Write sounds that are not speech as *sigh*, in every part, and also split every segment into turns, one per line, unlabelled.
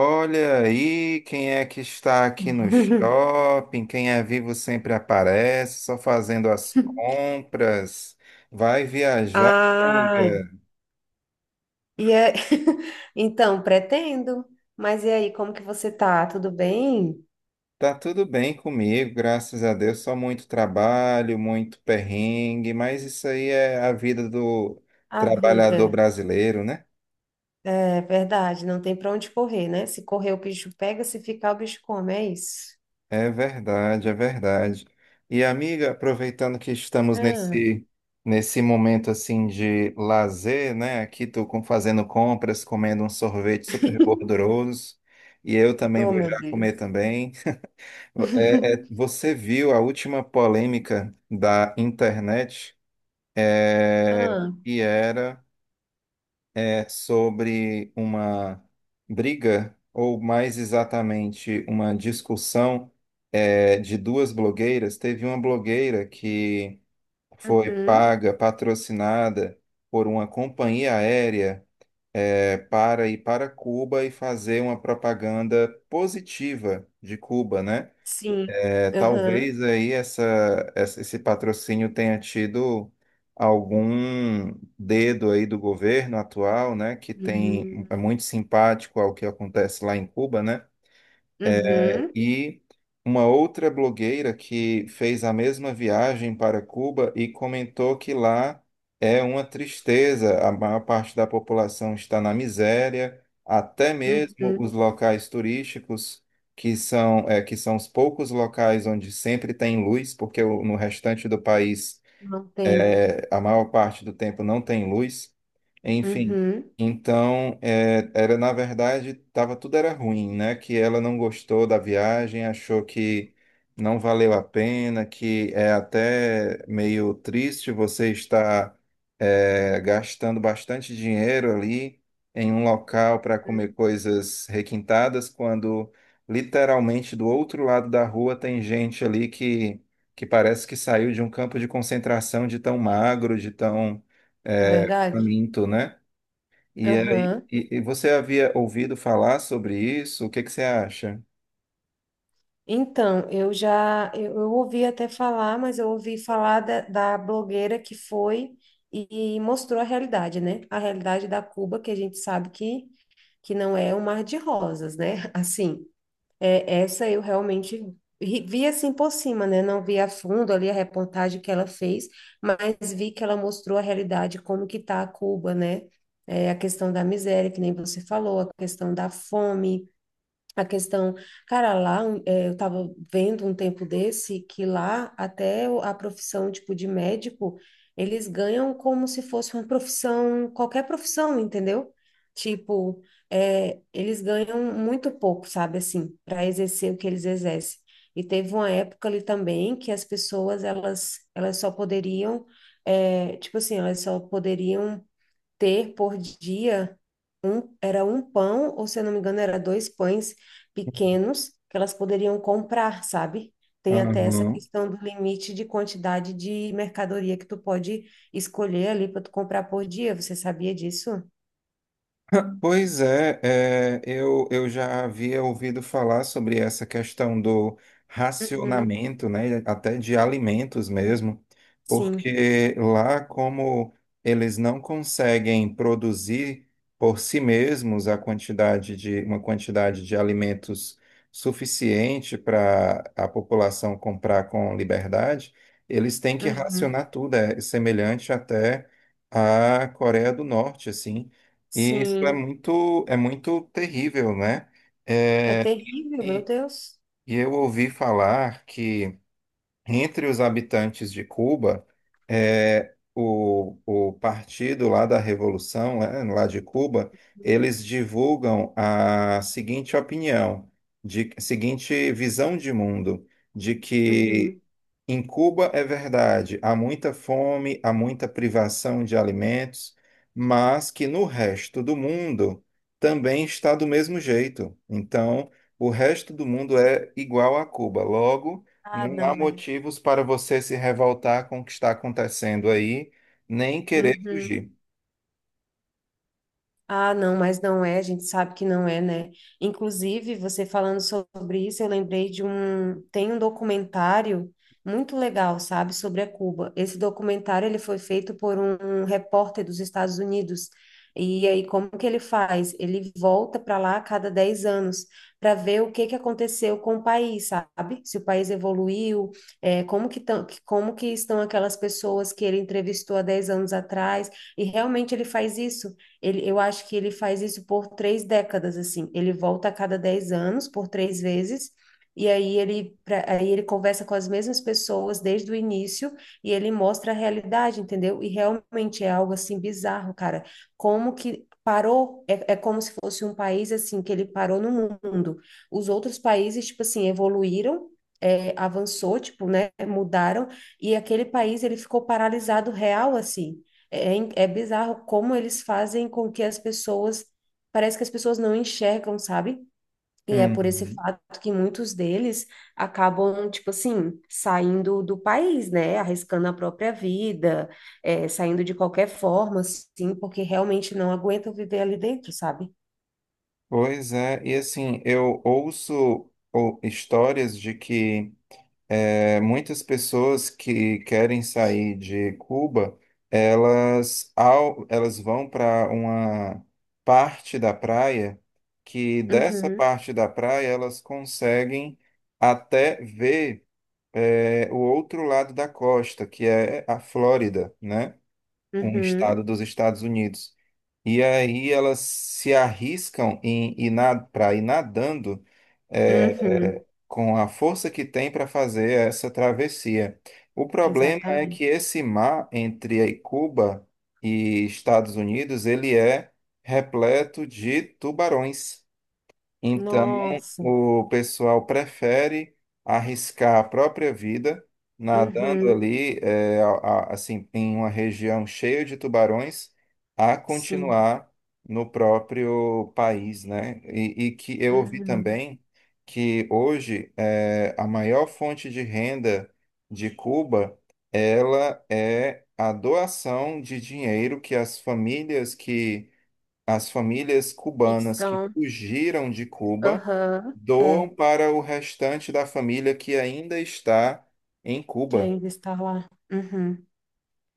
Olha aí quem é que está aqui no
*laughs*
shopping, quem é vivo sempre aparece, só fazendo as compras. Vai viajar,
Ah,
amiga.
e *laughs* então, pretendo. Mas e aí, como que você tá? Tudo bem?
Tá tudo bem comigo, graças a Deus. Só muito trabalho, muito perrengue, mas isso aí é a vida do
A vida,
trabalhador brasileiro, né?
é verdade, não tem pra onde correr, né? Se correr, o bicho pega, se ficar, o bicho come, é isso.
É verdade, é verdade. E amiga, aproveitando que estamos
Ah,
nesse momento assim de lazer, né? Aqui fazendo compras, comendo um sorvete super
*laughs*
gorduroso, e eu também
oh,
vou
meu
já comer
Deus.
também.
*laughs*
Você viu a última polêmica da internet? É,
Ah,
que era sobre uma briga, ou mais exatamente, uma discussão de duas blogueiras. Teve uma blogueira que foi
uhum,
paga, patrocinada por uma companhia aérea, para ir para Cuba e fazer uma propaganda positiva de Cuba, né?
sim,
É,
aham,
talvez aí esse patrocínio tenha tido algum dedo aí do governo atual, né, que tem
uhum,
é muito simpático ao que acontece lá em Cuba, né? É,
uhum,
e uma outra blogueira que fez a mesma viagem para Cuba e comentou que lá é uma tristeza, a maior parte da população está na miséria, até mesmo os
uhum,
locais turísticos, que são, é, que são os poucos locais onde sempre tem luz, porque no restante do país
não tem,
a maior parte do tempo não tem luz, enfim.
uhum,
Então, é, era na verdade, tava, tudo era ruim, né? Que ela não gostou da viagem, achou que não valeu a pena, que é até meio triste você estar gastando bastante dinheiro ali em um local para
uhum,
comer coisas requintadas, quando literalmente do outro lado da rua tem gente ali que parece que saiu de um campo de concentração de tão magro, de tão
é verdade?
faminto, né? E aí,
Aham.
você havia ouvido falar sobre isso? O que que você acha?
Então, eu ouvi até falar, mas eu ouvi falar da blogueira que foi e mostrou a realidade, né? A realidade da Cuba, que a gente sabe que não é um mar de rosas, né? *laughs* Assim, essa eu realmente vi assim por cima, né? Não vi a fundo ali a reportagem que ela fez, mas vi que ela mostrou a realidade, como que tá a Cuba, né? É, a questão da miséria, que nem você falou, a questão da fome, a questão, cara, lá um, eu tava vendo um tempo desse que lá até a profissão tipo de médico, eles ganham como se fosse uma profissão, qualquer profissão, entendeu? Tipo, eles ganham muito pouco, sabe, assim, para exercer o que eles exercem. E teve uma época ali também que as pessoas elas só poderiam, tipo assim, elas só poderiam ter por dia era um pão, ou se eu não me engano, era dois pães pequenos que elas poderiam comprar, sabe? Tem até essa
Aham.
questão do limite de quantidade de mercadoria que tu pode escolher ali para tu comprar por dia. Você sabia disso?
*laughs* Pois é, eu já havia ouvido falar sobre essa questão do
Uhum,
racionamento, né, até de alimentos mesmo,
sim,
porque lá, como eles não conseguem produzir por si mesmos uma quantidade de alimentos suficiente para a população comprar com liberdade, eles têm que
uhum,
racionar tudo, é semelhante até à Coreia do Norte, assim. E isso
sim.
é muito terrível, né?
É terrível, meu
E,
Deus.
e eu ouvi falar que entre os habitantes de Cuba, é, o partido lá da Revolução, né, lá de Cuba, eles divulgam a seguinte opinião, de seguinte visão de mundo, de que
Uhum.
em Cuba é verdade, há muita fome, há muita privação de alimentos, mas que no resto do mundo também está do mesmo jeito. Então, o resto do mundo é igual a Cuba. Logo,
Ah,
não há
não é.
motivos para você se revoltar com o que está acontecendo aí, nem querer
Uhum.
fugir.
Ah, não, mas não é, a gente sabe que não é, né? Inclusive, você falando sobre isso, eu lembrei tem um documentário muito legal, sabe, sobre a Cuba. Esse documentário, ele foi feito por um repórter dos Estados Unidos. E aí, como que ele faz? Ele volta para lá a cada 10 anos para ver o que que aconteceu com o país, sabe? Se o país evoluiu, é, como que tão, como que estão aquelas pessoas que ele entrevistou há 10 anos atrás. E realmente ele faz isso. Ele, eu acho que ele faz isso por 3 décadas, assim. Ele volta a cada 10 anos, por três vezes, e aí ele, aí ele conversa com as mesmas pessoas desde o início e ele mostra a realidade, entendeu? E realmente é algo assim bizarro, cara. Como que parou? É como se fosse um país assim que ele parou no mundo. Os outros países, tipo assim, evoluíram. Avançou, tipo, né, mudaram, e aquele país, ele ficou paralisado real, assim, é bizarro como eles fazem com que as pessoas, parece que as pessoas não enxergam, sabe? E é por esse
Uhum.
fato que muitos deles acabam, tipo assim, saindo do país, né? Arriscando a própria vida, é, saindo de qualquer forma, assim, porque realmente não aguentam viver ali dentro, sabe?
Pois é, e assim, histórias de que muitas pessoas que querem sair de Cuba, elas, elas vão para uma parte da praia, que dessa
Uhum,
parte da praia elas conseguem até ver. É o outro lado da costa, que é a Flórida, né? Um estado
uhum,
dos Estados Unidos. E aí elas se arriscam em ir para ir nadando é,
uhum,
com a força que tem para fazer essa travessia. O problema é que
exatamente.
esse mar entre aí Cuba e Estados Unidos, ele é repleto de tubarões. Então,
Nossa,
o pessoal prefere arriscar a própria vida nadando
uhum,
ali, assim, em uma região cheia de tubarões, a
sim,
continuar no próprio país, né? E que eu ouvi
uhum.
também que hoje é a maior fonte de renda de Cuba, ela é a doação de dinheiro que as famílias cubanas que
Então,
fugiram de Cuba
aham,
doam
é.
para o restante da família que ainda está em
Que
Cuba.
ainda está lá. Uhum.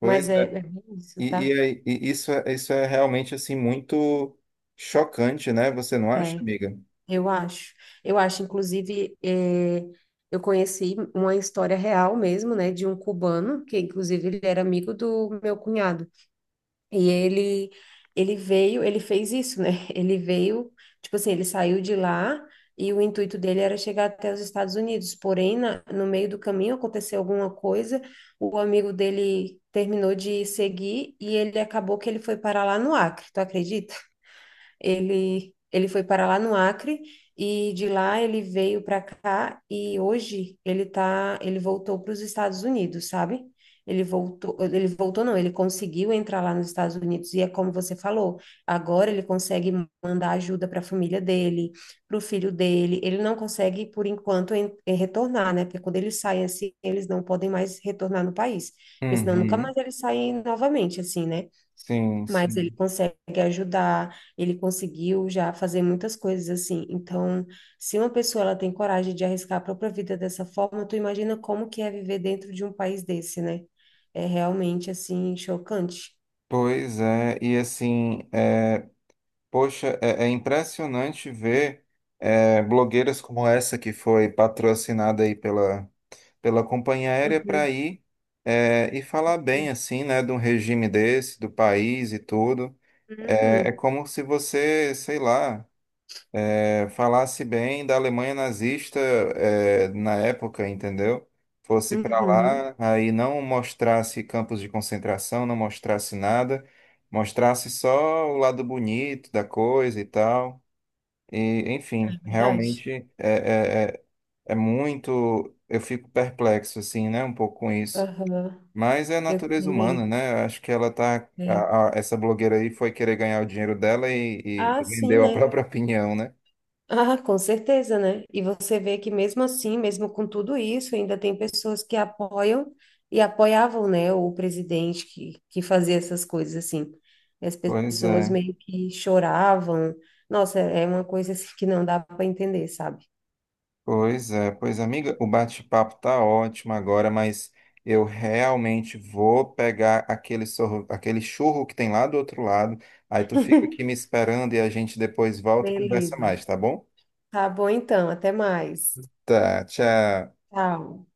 Pois
é,
é.
é bem isso,
E,
tá?
e isso, isso é realmente assim muito chocante, né? Você não acha,
É,
amiga?
eu acho. Eu acho, inclusive, é, eu conheci uma história real mesmo, né, de um cubano, que inclusive ele era amigo do meu cunhado. E ele veio, ele fez isso, né? *laughs* Ele veio, tipo assim, ele saiu de lá e o intuito dele era chegar até os Estados Unidos. Porém, no meio do caminho aconteceu alguma coisa, o amigo dele terminou de seguir e ele acabou que ele foi parar lá no Acre, tu acredita? Ele foi para lá no Acre e de lá ele veio para cá e hoje ele tá, ele voltou para os Estados Unidos, sabe? Ele voltou não, ele conseguiu entrar lá nos Estados Unidos e é como você falou, agora ele consegue mandar ajuda para a família dele, para o filho dele. Ele não consegue por enquanto em retornar, né? Porque quando eles saem assim, eles não podem mais retornar no país, porque senão nunca
Uhum.
mais eles saem novamente assim, né?
Sim,
Mas ele
sim.
consegue ajudar, ele conseguiu já fazer muitas coisas assim. Então, se uma pessoa ela tem coragem de arriscar a própria vida dessa forma, tu imagina como que é viver dentro de um país desse, né? É realmente assim chocante.
Pois é, e assim, é, poxa, é, é impressionante ver blogueiras como essa que foi patrocinada aí pela companhia aérea
Uhum,
para ir, e falar bem assim, né, de um regime desse, do país e tudo. É,
uhum,
é como se você, sei lá, falasse bem da Alemanha nazista, na época, entendeu? Fosse para
uhum.
lá, aí não mostrasse campos de concentração, não mostrasse nada, mostrasse só o lado bonito da coisa e tal. E,
É
enfim,
verdade.
realmente é, é, é é muito. Eu fico perplexo, assim, né, um pouco com isso.
Aham,
Mas é a
eu
natureza humana,
também.
né? Eu acho que ela tá.
É.
Essa blogueira aí foi querer ganhar o dinheiro dela
Ah,
e
sim,
vendeu a
né?
própria *laughs* opinião, né?
Ah, com certeza, né? E você vê que mesmo assim, mesmo com tudo isso, ainda tem pessoas que apoiam e apoiavam, né, o presidente que fazia essas coisas assim. E as
Pois
pessoas
é,
meio que choravam. Nossa, é uma coisa assim que não dá para entender, sabe?
pois é. Pois, amiga, o bate-papo tá ótimo agora, mas eu realmente vou pegar aquele, sorro, aquele churro que tem lá do outro lado. Aí tu fica aqui me
*laughs*
esperando e a gente depois volta e conversa
Beleza.
mais, tá bom?
Tá bom então, até mais.
Tá, tchau.
Tchau.